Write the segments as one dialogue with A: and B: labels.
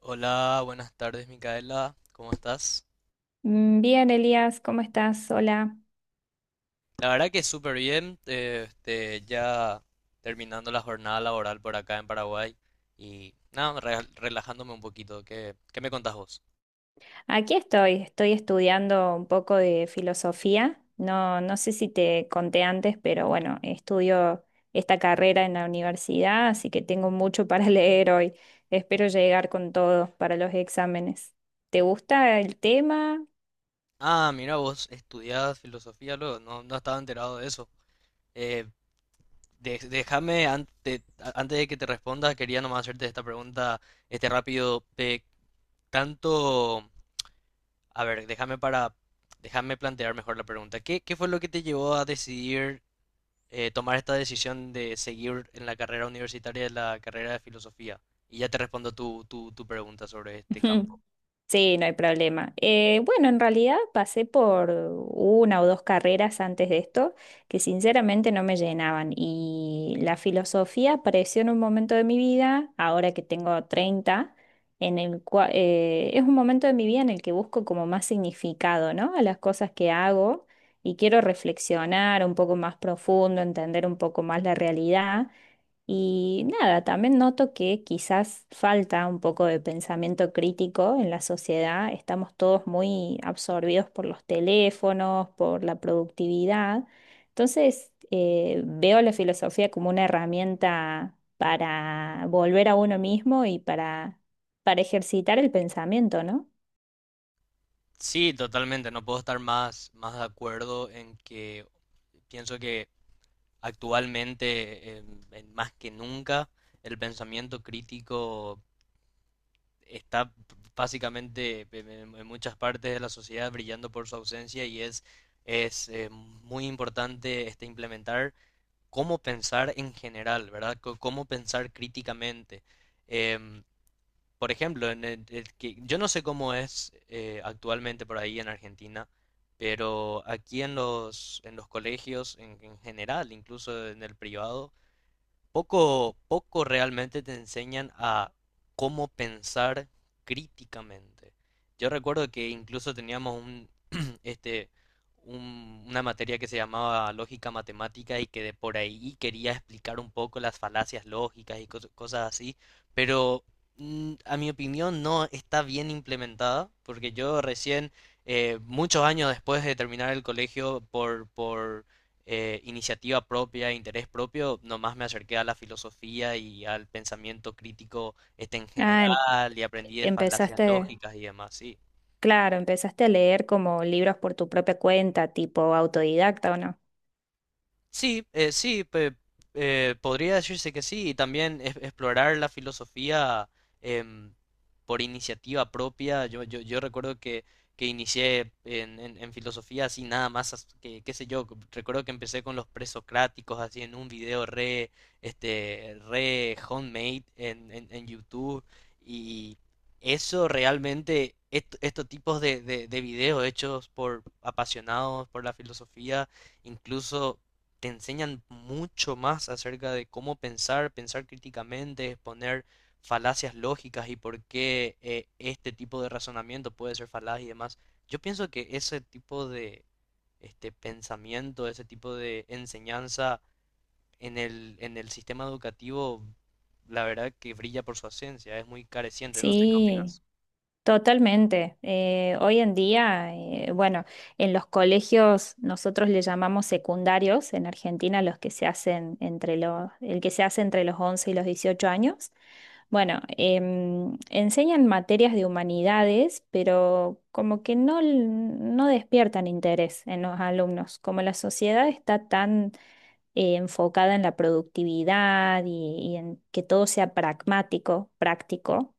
A: Hola, buenas tardes, Micaela. ¿Cómo estás?
B: Bien, Elías, ¿cómo estás? Hola.
A: La verdad que súper bien. Ya terminando la jornada laboral por acá en Paraguay. Y nada, relajándome un poquito. ¿Qué me contás vos?
B: Aquí estoy estudiando un poco de filosofía. No sé si te conté antes, pero bueno, estudio esta carrera en la universidad, así que tengo mucho para leer hoy. Espero llegar con todo para los exámenes. ¿Te gusta el tema?
A: Ah, mira, vos estudiás filosofía luego. No, no estaba enterado de eso. Eh, Déjame, antes de que te responda, quería nomás hacerte esta pregunta, este rápido. De tanto. A ver, déjame para. Déjame plantear mejor la pregunta. ¿Qué fue lo que te llevó a decidir tomar esta decisión de seguir en la carrera universitaria, en la carrera de filosofía? Y ya te respondo tu pregunta sobre este
B: Ujú.
A: campo.
B: Sí, no hay problema. Bueno, en realidad pasé por una o dos carreras antes de esto que sinceramente no me llenaban, y la filosofía apareció en un momento de mi vida, ahora que tengo 30, en el cual es un momento de mi vida en el que busco como más significado, ¿no? A las cosas que hago, y quiero reflexionar un poco más profundo, entender un poco más la realidad. Y nada, también noto que quizás falta un poco de pensamiento crítico en la sociedad. Estamos todos muy absorbidos por los teléfonos, por la productividad. Entonces, veo la filosofía como una herramienta para volver a uno mismo y para ejercitar el pensamiento, ¿no?
A: Sí, totalmente, no puedo estar más de acuerdo en que pienso que actualmente, más que nunca, el pensamiento crítico está básicamente en muchas partes de la sociedad brillando por su ausencia y es muy importante este, implementar cómo pensar en general, ¿verdad? Cómo pensar críticamente. Em, por ejemplo, en yo no sé cómo es actualmente por ahí en Argentina, pero aquí en en los colegios en general, incluso en el privado, poco realmente te enseñan a cómo pensar críticamente. Yo recuerdo que incluso teníamos un, este, una materia que se llamaba lógica matemática y que de por ahí quería explicar un poco las falacias lógicas y cosas así, pero a mi opinión no está bien implementada, porque yo recién, muchos años después de terminar el colegio, por iniciativa propia, interés propio, nomás me acerqué a la filosofía y al pensamiento crítico este en
B: Ah, em-
A: general y aprendí de falacias
B: empezaste,
A: lógicas y demás, sí.
B: claro, empezaste a leer como libros por tu propia cuenta, tipo autodidacta, ¿o no?
A: Sí, sí, podría decirse que sí, y también explorar la filosofía em, por iniciativa propia. Yo recuerdo que inicié en filosofía así nada más, que, qué sé yo, recuerdo que empecé con los presocráticos así en un video re, este, re homemade en YouTube, y eso realmente, estos tipos de videos hechos por apasionados por la filosofía, incluso te enseñan mucho más acerca de cómo pensar, pensar críticamente, exponer falacias lógicas y por qué este tipo de razonamiento puede ser falaz y demás. Yo pienso que ese tipo de este pensamiento, ese tipo de enseñanza en en el sistema educativo, la verdad que brilla por su ausencia, es muy careciente, no sé cómo.
B: Sí. Totalmente. Hoy en día, bueno, en los colegios nosotros le llamamos secundarios en Argentina los que se hacen entre el que se hace entre los 11 y los 18 años. Bueno, enseñan materias de humanidades, pero como que no despiertan interés en los alumnos. Como la sociedad está tan enfocada en la productividad y en que todo sea pragmático, práctico.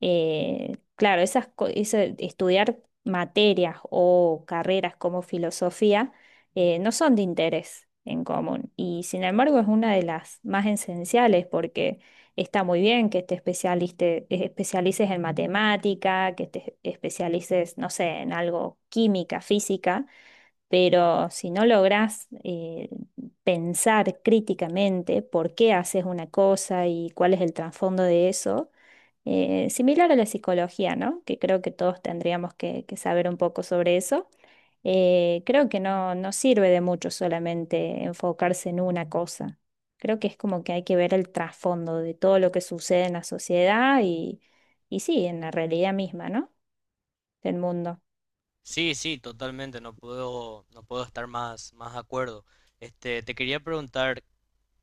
B: Eso de estudiar materias o carreras como filosofía no son de interés en común, y sin embargo es una de las más esenciales, porque está muy bien que te especialices en matemática, que te especialices, no sé, en algo química, física, pero si no logras pensar críticamente por qué haces una cosa y cuál es el trasfondo de eso, similar a la psicología, ¿no? Que creo que todos tendríamos que saber un poco sobre eso. Creo que no sirve de mucho solamente enfocarse en una cosa. Creo que es como que hay que ver el trasfondo de todo lo que sucede en la sociedad, y sí, en la realidad misma, ¿no? Del mundo.
A: Sí, sí, totalmente, no puedo estar más de acuerdo. Este, te quería preguntar,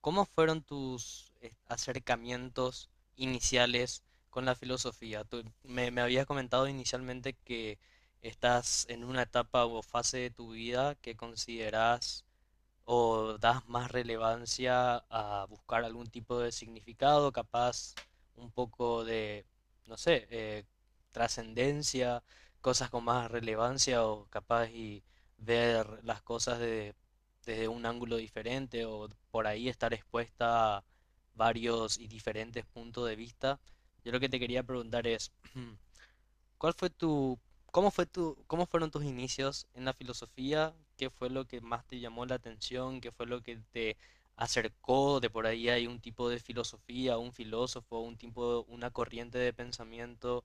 A: ¿cómo fueron tus acercamientos iniciales con la filosofía? Me habías comentado inicialmente que estás en una etapa o fase de tu vida que consideras o das más relevancia a buscar algún tipo de significado, capaz un poco de, no sé, trascendencia, cosas con más relevancia o capaz y ver las cosas desde un ángulo diferente o por ahí estar expuesta a varios y diferentes puntos de vista. Yo lo que te quería preguntar es, ¿cuál fue tu, cómo fueron tus inicios en la filosofía? ¿Qué fue lo que más te llamó la atención? ¿Qué fue lo que te acercó? De por ahí hay un tipo de filosofía, un filósofo, un tipo, una corriente de pensamiento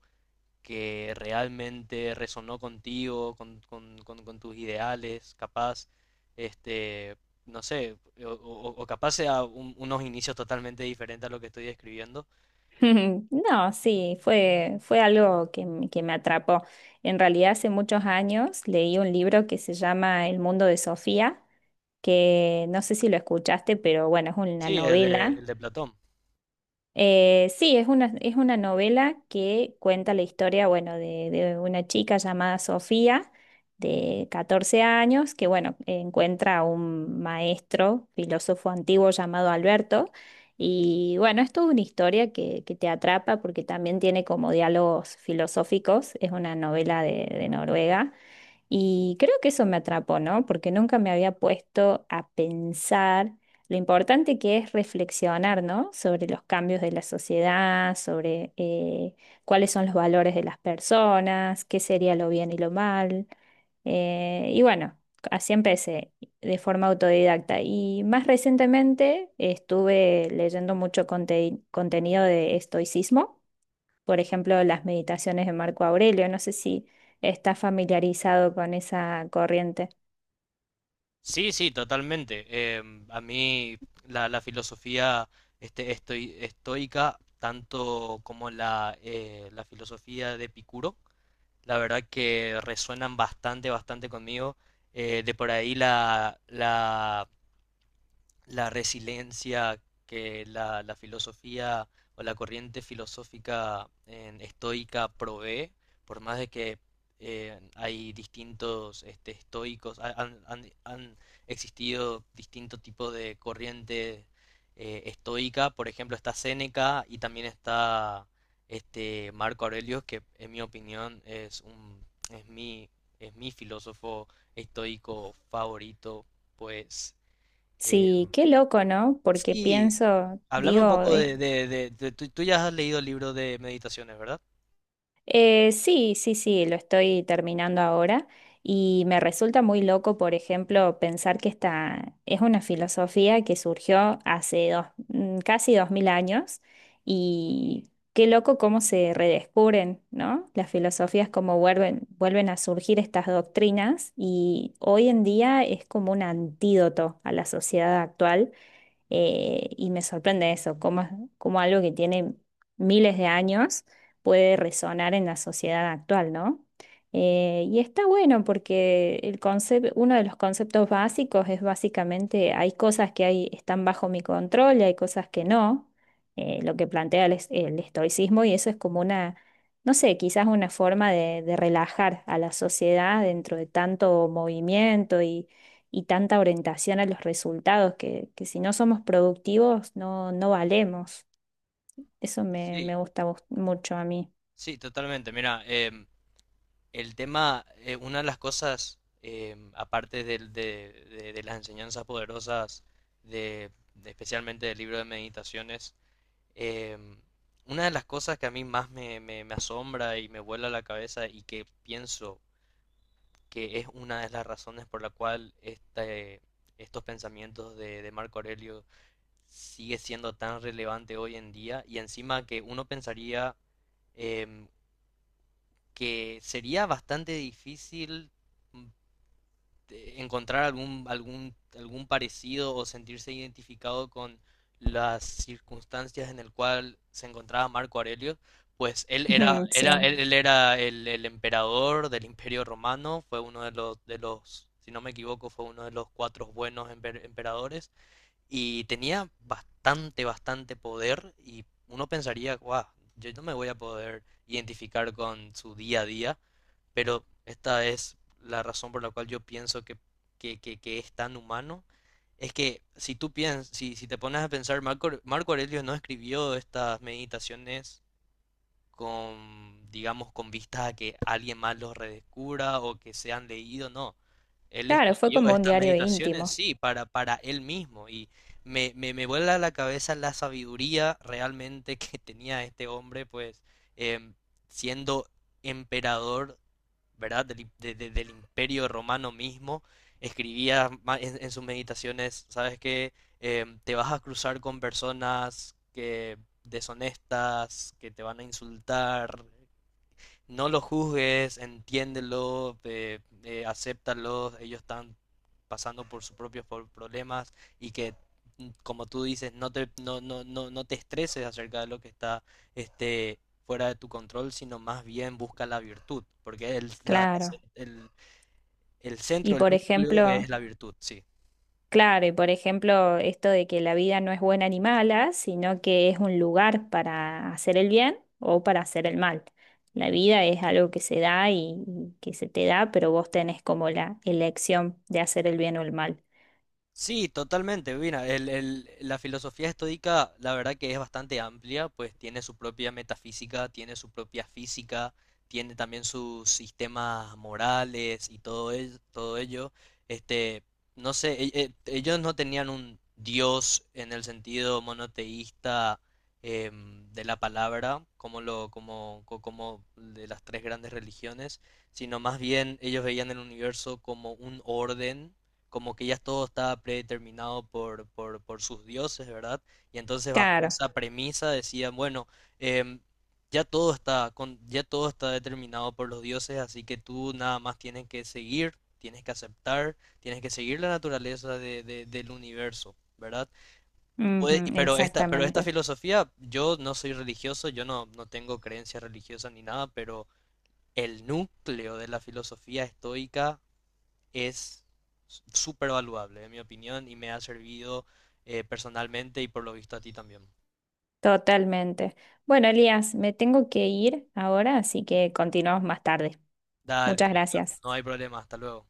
A: que realmente resonó contigo, con tus ideales, capaz, este, no sé, o capaz sea unos inicios totalmente diferentes a lo que estoy describiendo.
B: No, sí, fue, Fue algo que, que me atrapó. En realidad, hace muchos años leí un libro que se llama El mundo de Sofía, que no sé si lo escuchaste, pero bueno, es una
A: Sí,
B: novela.
A: el de Platón.
B: Es una novela que cuenta la historia, bueno, de una chica llamada Sofía, de 14 años, que, bueno, encuentra a un maestro, filósofo antiguo llamado Alberto. Y bueno, es toda una historia que te atrapa porque también tiene como diálogos filosóficos. Es una novela de Noruega. Y creo que eso me atrapó, ¿no? Porque nunca me había puesto a pensar lo importante que es reflexionar, ¿no? Sobre los cambios de la sociedad, sobre cuáles son los valores de las personas, qué sería lo bien y lo mal. Y bueno, así empecé de forma autodidacta. Y más recientemente estuve leyendo mucho contenido de estoicismo, por ejemplo, las meditaciones de Marco Aurelio. No sé si estás familiarizado con esa corriente.
A: Sí, sí, totalmente. A mí la filosofía estoica, tanto como la, la filosofía de Epicuro, la verdad que resuenan bastante, bastante conmigo. De por ahí la resiliencia que la filosofía o la corriente filosófica estoica provee, por más de que hay distintos este, estoicos, han existido distintos tipos de corriente estoica. Por ejemplo está Séneca y también está este Marco Aurelio, que en mi opinión es es mi filósofo estoico favorito, pues
B: Sí, qué loco, ¿no? Porque
A: sí.
B: pienso,
A: Háblame un
B: digo,
A: poco
B: es...
A: de, tú, tú ya has leído el libro de meditaciones, ¿verdad?
B: Sí, lo estoy terminando ahora, y me resulta muy loco, por ejemplo, pensar que esta es una filosofía que surgió hace casi 2000 años. Y qué loco cómo se redescubren, ¿no? Las filosofías, cómo vuelven a surgir estas doctrinas, y hoy en día es como un antídoto a la sociedad actual. Y me sorprende eso, cómo algo que tiene miles de años puede resonar en la sociedad actual, ¿no? Y está bueno porque uno de los conceptos básicos es básicamente hay cosas que están bajo mi control y hay cosas que no, lo que plantea el estoicismo, y eso es como una, no sé, quizás una forma de relajar a la sociedad dentro de tanto movimiento y tanta orientación a los resultados, que si no somos productivos no valemos. Eso
A: Sí,
B: me gusta mucho a mí.
A: sí, totalmente. Mira, em, el tema, una de las cosas, em, aparte de las enseñanzas poderosas, de especialmente del libro de meditaciones, em, una de las cosas que a mí más me asombra y me vuela la cabeza y que pienso que es una de las razones por la cual este, estos pensamientos de Marco Aurelio sigue siendo tan relevante hoy en día, y encima que uno pensaría em, que sería bastante difícil mm, encontrar algún parecido o sentirse identificado con las circunstancias en el cual se encontraba Marco Aurelio, pues
B: Ujú. Sí,
A: él era el emperador del Imperio Romano. Fue uno de los, si no me equivoco, fue uno de los cuatro buenos emperadores y tenía bastante, bastante poder y uno pensaría, guau, yo no me voy a poder identificar con su día a día, pero esta es la razón por la cual yo pienso que es tan humano. Es que si tú piensas, si, si te pones a pensar, Marco Aurelio no escribió estas meditaciones con, digamos, con vistas a que alguien más los redescubra o que sean leídos, no. Él
B: claro, fue
A: escribió
B: como un
A: estas
B: diario
A: meditaciones,
B: íntimo.
A: sí, para él mismo y me vuela la cabeza la sabiduría realmente que tenía este hombre, pues, em, siendo emperador, ¿verdad? Del imperio romano mismo, escribía en sus meditaciones, ¿sabes qué? Em, te vas a cruzar con personas que deshonestas, que te van a insultar, no los juzgues, entiéndelo, acéptalos, ellos están pasando por sus propios problemas y que, mm, como tú dices, no te, no te estreses acerca de lo que está este, fuera de tu control, sino más bien busca la virtud, porque
B: Claro.
A: el, el
B: Y
A: centro, el
B: por
A: núcleo es
B: ejemplo,
A: la virtud, sí.
B: claro, y por ejemplo, esto de que la vida no es buena ni mala, sino que es un lugar para hacer el bien o para hacer el mal. La vida es algo que se da, y que se te da, pero vos tenés como la elección de hacer el bien o el mal.
A: Sí, totalmente. Mira, la filosofía estoica, la verdad que es bastante amplia, pues tiene su propia metafísica, tiene su propia física, tiene también sus sistemas morales y todo ello. Este, no sé, ellos no tenían un dios en el sentido monoteísta em, de la palabra, como lo, como, co- como de las tres grandes religiones, sino más bien ellos veían el universo como un orden, como que ya todo estaba predeterminado por sus dioses, ¿verdad? Y entonces bajo
B: Claro,
A: esa premisa decían, bueno, em, ya todo está determinado por los dioses, así que tú nada más tienes que seguir, tienes que aceptar, tienes que seguir la naturaleza del universo, ¿verdad? Puede- y-
B: ujú,
A: pero esta
B: exactamente.
A: exactamente filosofía, yo no soy religioso, yo no, no tengo creencias religiosas ni nada, pero el núcleo de la filosofía estoica es súper valuable, en mi opinión, y me ha servido personalmente y por lo visto a ti también.
B: Totalmente. Bueno, Elías, me tengo que ir ahora, así que continuamos más tarde.
A: Dale,
B: Muchas
A: Mica,
B: gracias.
A: no hay problema, hasta luego.